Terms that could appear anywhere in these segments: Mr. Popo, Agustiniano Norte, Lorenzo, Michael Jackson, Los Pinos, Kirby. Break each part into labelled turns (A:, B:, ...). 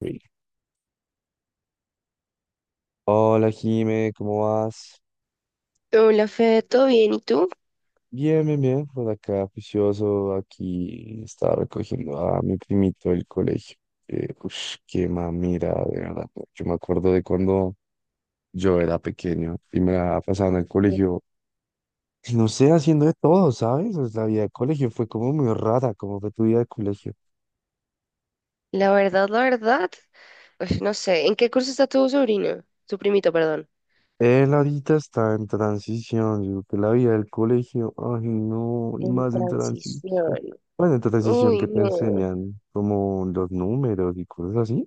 A: Reel. Hola Jime, ¿cómo vas?
B: Hola, Fede, ¿todo bien? ¿Y tú?
A: Bien, bien, bien, por acá juicioso, aquí estaba recogiendo a mi primito del colegio. Ush, qué mamira, de verdad. Yo me acuerdo de cuando yo era pequeño y me la pasaba en el colegio, no sé, haciendo de todo, ¿sabes? Pues, la vida de colegio fue como muy rara, como fue tu vida de colegio.
B: La verdad, pues no sé, ¿en qué curso está tu sobrino? Tu primito, perdón.
A: Él ahorita está en transición, yo que la vida del colegio, ay no, y
B: En
A: más en transición.
B: transición.
A: Bueno, en transición
B: Uy,
A: que te
B: no.
A: enseñan como los números y cosas así.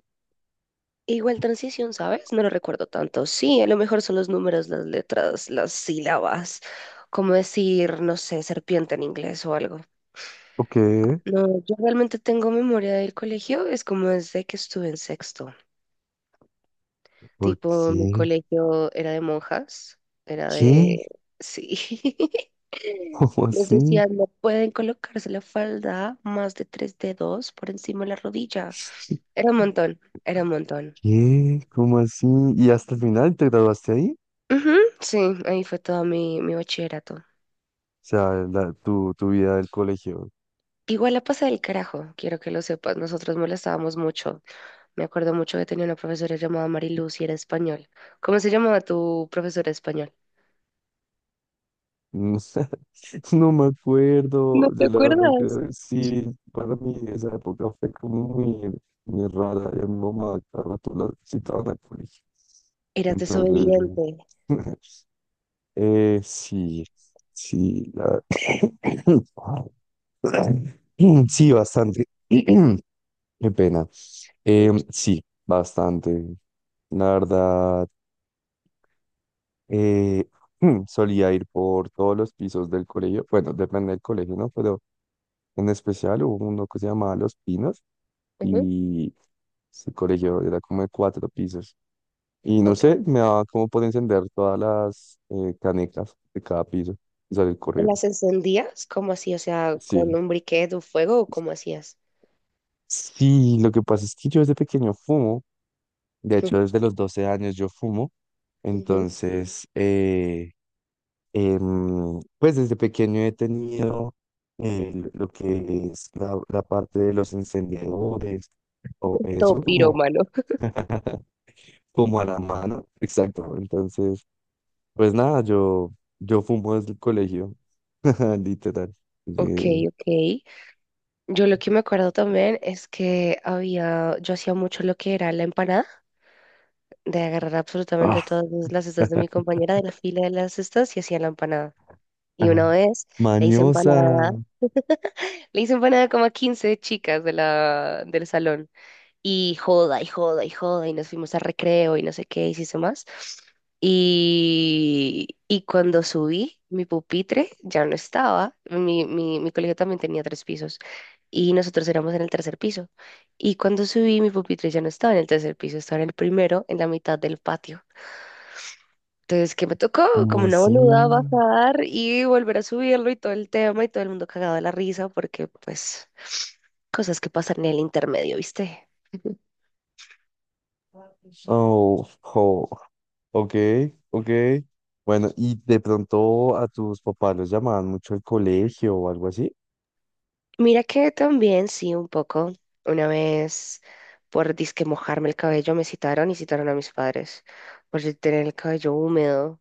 B: Igual transición, ¿sabes? No lo recuerdo tanto. Sí, a lo mejor son los números, las letras, las sílabas, como decir, no sé, serpiente en inglés o algo.
A: ¿O qué?
B: No, yo realmente tengo memoria del colegio, es como desde que estuve en sexto.
A: ¿Por
B: Tipo, mi
A: qué?
B: colegio era de monjas, era
A: ¿Qué?
B: de... Sí.
A: ¿Cómo
B: Nos
A: así?
B: decían, no pueden colocarse la falda más de tres dedos por encima de la rodilla. Era un montón, era un montón.
A: ¿Qué? ¿Cómo así? ¿Y hasta el final te graduaste ahí?
B: Ujú, sí, ahí fue todo mi bachillerato.
A: O sea, tu vida del colegio.
B: Igual la pasé del carajo, quiero que lo sepas. Nosotros molestábamos mucho. Me acuerdo mucho que tenía una profesora llamada Mariluz y era español. ¿Cómo se llamaba tu profesora de español?
A: No, no me acuerdo,
B: ¿No te
A: de la verdad
B: acuerdas?
A: que sí, para mí esa época fue como muy rara, y a mi mamá cada rato la citaban al colegio,
B: Eras
A: entonces,
B: desobediente.
A: sí, sí. Sí, bastante, qué pena. Sí, bastante, la verdad, eh, solía ir por todos los pisos del colegio, bueno, depende del colegio, ¿no? Pero en especial hubo uno que se llamaba Los Pinos
B: Ujú.
A: y se corrigió, era como de cuatro pisos. Y no
B: Ok.
A: sé, me daba como por encender todas las canecas de cada piso y salir corriendo.
B: ¿Las encendías? ¿Cómo así? O sea, ¿con
A: Sí.
B: un briquet o fuego o cómo hacías?
A: Sí, lo que pasa es que yo desde pequeño fumo, de hecho desde los 12 años yo fumo,
B: Ujú.
A: entonces, pues desde pequeño he tenido, lo que es la parte de los encendedores o
B: Todo
A: eso, como
B: pirómano.
A: como a la mano. Exacto. Entonces, pues nada, yo fumo desde el colegio, literal.
B: Ok,
A: De,
B: ok. Yo lo que me acuerdo también es que había, yo hacía mucho lo que era la empanada, de agarrar absolutamente
A: ah,
B: todas las cestas de mi compañera de la fila de las cestas y hacía la empanada. Y
A: ajá.
B: una vez le hice empanada,
A: Mañosa,
B: le hice empanada como a 15 chicas del salón. Y joda y joda y joda y nos fuimos a recreo y no sé qué hiciste más. Y cuando subí, mi pupitre ya no estaba. Mi colegio también tenía tres pisos y nosotros éramos en el tercer piso. Y cuando subí, mi pupitre ya no estaba en el tercer piso, estaba en el primero, en la mitad del patio. Entonces, ¿qué me tocó?
A: como
B: Como una
A: así.
B: boluda bajar y volver a subirlo y todo el tema y todo el mundo cagado de la risa porque, pues, cosas que pasan en el intermedio, ¿viste?
A: Oh, jo, ok, ok. Bueno, y de pronto a tus papás los llamaban mucho al colegio o algo así.
B: Mira que también, sí, un poco. Una vez, por disque mojarme el cabello, me citaron y citaron a mis padres por yo tener el cabello húmedo.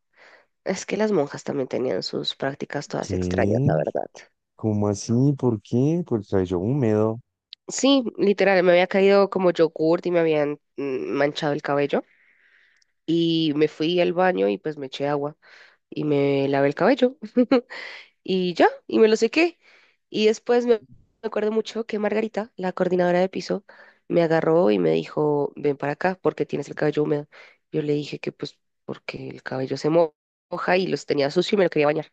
B: Es que las monjas también tenían sus prácticas todas extrañas,
A: ¿Qué?
B: la verdad.
A: ¿Cómo así? ¿Por qué? Por el cabello húmedo.
B: Sí, literal, me había caído como yogurt y me habían manchado el cabello. Y me fui al baño y pues me eché agua y me lavé el cabello. Y ya, y me lo sequé. Y después me acuerdo mucho que Margarita, la coordinadora de piso, me agarró y me dijo, ven para acá porque tienes el cabello húmedo. Yo le dije que pues porque el cabello moja y los tenía sucio y me lo quería bañar.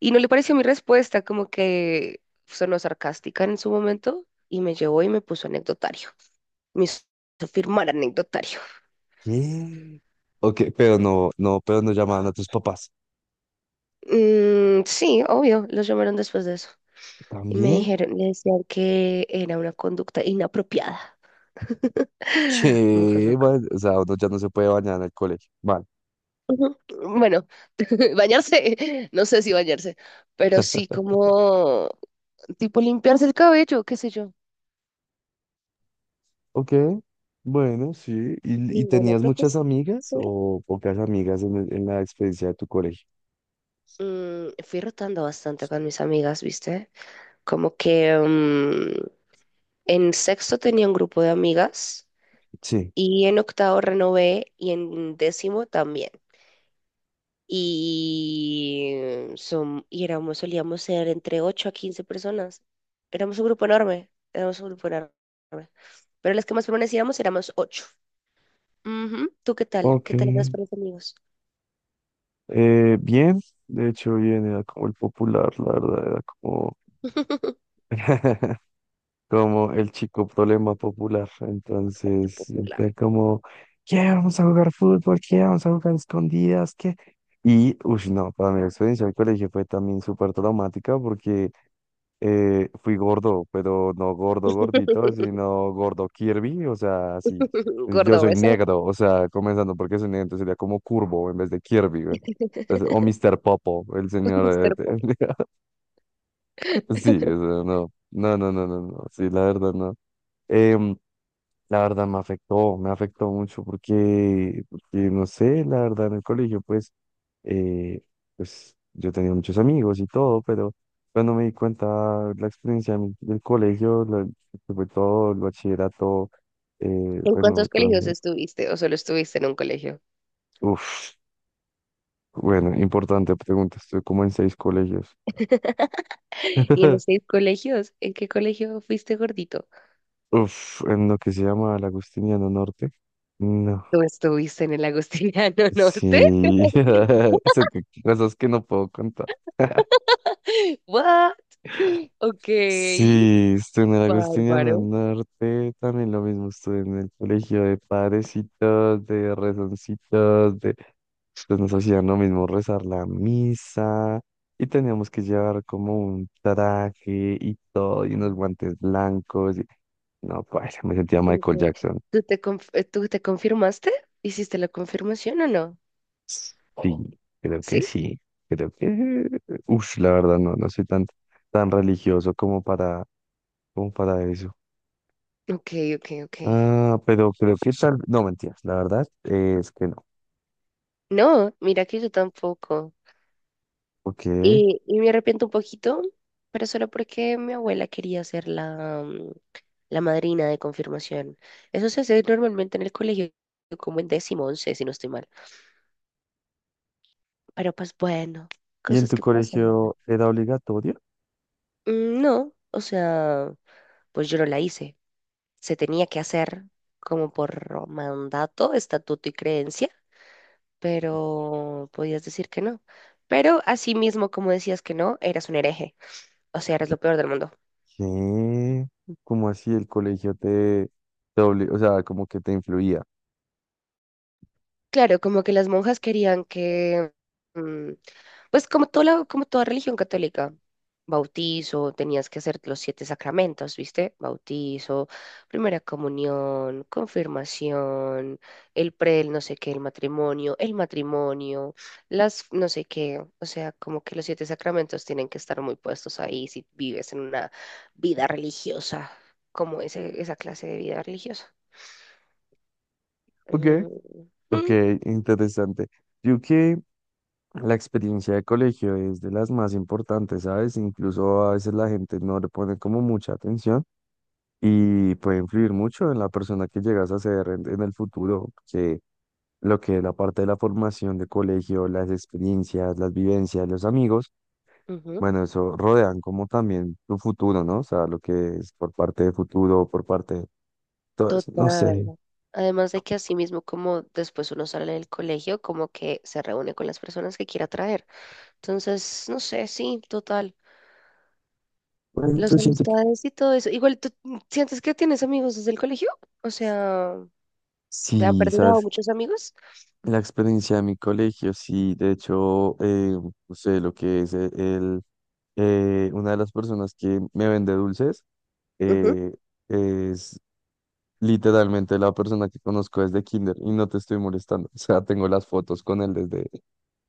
B: Y no le pareció mi respuesta, como que sonó sarcástica en su momento y me llevó y me puso anecdotario. Me hizo firmar anecdotario.
A: ¿Qué? Ok, pero no llamaban a tus papás.
B: Mm, sí, obvio, los llamaron después de eso. Y me
A: ¿También?
B: dijeron, le decían que era una conducta inapropiada. Monjas
A: Che,
B: locas.
A: bueno, o sea, uno ya no se puede bañar en el colegio. Vale.
B: Ujú. Bueno, bañarse, no sé si bañarse, pero sí como tipo limpiarse el cabello, qué sé yo.
A: Ok, bueno, sí. Y
B: Ninguna
A: tenías muchas amigas
B: profesora.
A: o pocas amigas en, en la experiencia de tu colegio?
B: Fui rotando bastante con mis amigas, ¿viste? Como que en sexto tenía un grupo de amigas
A: Sí.
B: y en octavo renové y en décimo también. y, Solíamos ser entre 8 a 15 personas. Éramos un grupo enorme, éramos un grupo enorme. Pero las que más permanecíamos éramos ocho. Ujú. ¿Tú qué tal? ¿Qué
A: Ok.
B: tal eras para los amigos?
A: Bien, de hecho, bien, era como el popular, la verdad, era como, como el chico problema popular.
B: Fuerte
A: Entonces,
B: Popular.
A: siempre como, ¿qué? Vamos a jugar fútbol, ¿qué? Vamos a jugar escondidas, ¿qué? Y, uff, no, para mí la experiencia del colegio fue también súper traumática porque fui gordo, pero no gordo gordito, sino gordo Kirby, o sea, así. Yo
B: Gordo
A: soy
B: beso.
A: negro, o sea, comenzando porque soy negro, entonces sería como curvo en vez de Kirby, güey. Entonces, o Mr. Popo, el señor.
B: Mr. Popo.
A: Sí, o no, la verdad, no. Em, la verdad me afectó mucho porque, porque, no sé, la verdad, en el colegio, pues eh, pues yo tenía muchos amigos y todo, pero cuando me di cuenta la experiencia de del colegio, que fue todo, el bachillerato,
B: ¿En
A: bueno,
B: cuántos
A: todo,
B: colegios estuviste o solo estuviste en un colegio?
A: uf, bueno, importante pregunta, estuve como en seis colegios.
B: ¿Y en los seis colegios? ¿En qué colegio fuiste gordito?
A: Uf, en lo que se llama el Agustiniano Norte. No,
B: ¿Tú estuviste en el Agustiniano Norte?
A: sí, eso que, cosas que no puedo contar.
B: What? Ok.
A: Sí, estuve en el Agustiniano
B: Bárbaro.
A: Norte, también lo mismo, estuve en el colegio de padrecitos, de rezoncitos, de... pues nos hacían lo mismo rezar la misa y teníamos que llevar como un traje y todo y unos guantes blancos. Y no, pues me sentía Michael
B: Ok.
A: Jackson.
B: ¿Tú te confirmaste? ¿Hiciste la confirmación o no?
A: Sí,
B: ¿Sí?
A: sí, creo que... Uf, la verdad no, no soy tan, tan religioso como para, como para eso.
B: Ok, ok, ok.
A: Ah, pero creo que tal. No, mentiras, la verdad es que no.
B: No, mira que yo tampoco.
A: Ok.
B: Y me arrepiento un poquito, pero solo porque mi abuela quería ser la madrina de confirmación. Eso se hace normalmente en el colegio, como en décimo, 11, si no estoy mal. Pero pues bueno,
A: ¿Y en
B: cosas
A: tu
B: que pasan, ¿no?
A: colegio era obligatorio?
B: Mm, no, o sea, pues yo no la hice. Se tenía que hacer como por mandato, estatuto y creencia, pero podías decir que no. Pero así mismo, como decías que no, eras un hereje, o sea, eras lo peor del mundo.
A: ¿Qué? ¿Cómo así el colegio te, o sea, como que te influía?
B: Claro, como que las monjas querían que, mm, pues como toda como toda religión católica, bautizo, tenías que hacer los siete sacramentos, ¿viste? Bautizo, primera comunión, confirmación, el pre, el no sé qué, el matrimonio, las no sé qué, o sea, como que los siete sacramentos tienen que estar muy puestos ahí si vives en una vida religiosa, como esa clase de vida religiosa.
A: Ok,
B: Mm,
A: ok,
B: mm.
A: interesante. Yo que la experiencia de colegio es de las más importantes, ¿sabes? Incluso a veces la gente no le pone como mucha atención y puede influir mucho en la persona que llegas a ser en el futuro. Lo que es la parte de la formación de colegio, las experiencias, las vivencias, los amigos,
B: Ujú.
A: bueno, eso rodean como también tu futuro, ¿no? O sea, lo que es por parte de futuro, por parte de todo eso, no
B: Total.
A: sé.
B: Además de que así mismo como después uno sale del colegio, como que se reúne con las personas que quiera traer. Entonces, no sé, sí, total.
A: Bueno, yo
B: Las
A: siento que
B: amistades y todo eso. Igual, ¿tú sientes que tienes amigos desde el colegio? O sea, ¿te han
A: sí,
B: perdurado
A: ¿sabes?
B: muchos amigos?
A: La experiencia de mi colegio, sí, de hecho, no sé, lo que es una de las personas que me vende dulces, eh, es... Literalmente la persona que conozco desde kinder y no te estoy molestando. O sea, tengo las fotos con él desde,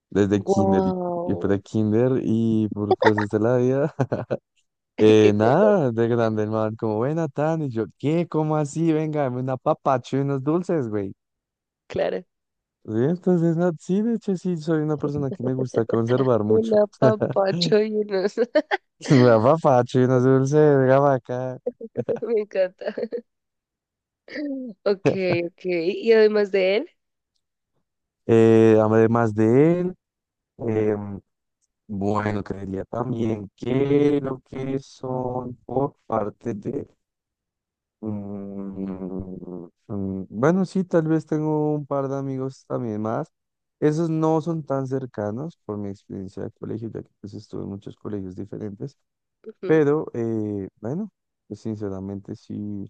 A: desde kinder y por
B: Wow.
A: kinder y por cosas de la vida.
B: Qué cosa,
A: Nada, de grande el man, como, buena, tan, y yo, ¿qué? ¿Cómo así? Venga, dame una papacho y unos dulces, güey.
B: claro.
A: Sí, entonces, no, sí, de hecho, sí, soy una persona que me gusta conservar
B: Un
A: mucho.
B: apapacho y unos...
A: Me da papacho y unos dulces, venga pa' acá.
B: Me encanta. Ok, ok. Y además de él,
A: Además de él, em, bueno, creería también que lo que son por parte de bueno, sí, tal vez tengo un par de amigos también más. Esos no son tan cercanos por mi experiencia de colegio, ya que pues estuve en muchos colegios diferentes,
B: ujú,
A: pero bueno, pues sinceramente sí,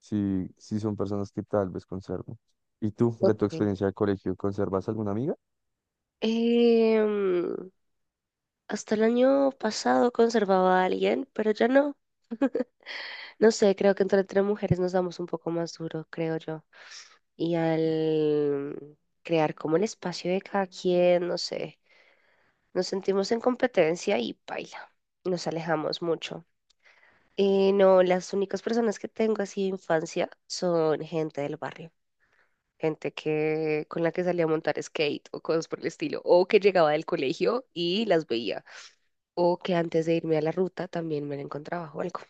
A: sí son personas que tal vez conservo. ¿Y tú, de tu
B: ok.
A: experiencia de colegio, conservas alguna amiga?
B: Em, Hasta el año pasado conservaba a alguien, pero ya no. No sé, creo que entre tres mujeres nos damos un poco más duro, creo yo. Y al crear como el espacio de cada quien, no sé, nos sentimos en competencia y paila. Nos alejamos mucho. No, las únicas personas que tengo así de infancia son gente del barrio, gente que con la que salía a montar skate o cosas por el estilo, o que llegaba del colegio y las veía, o que antes de irme a la ruta también me la encontraba o algo.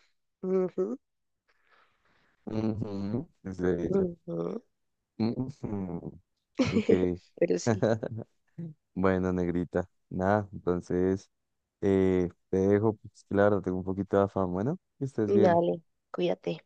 B: Ujú,
A: Ujú, es de ella.
B: ujú.
A: Ujú, ok.
B: Pero sí,
A: Bueno, negrita, nada, entonces te dejo, pues claro, tengo un poquito de afán. Bueno, que estés bien.
B: dale, cuídate.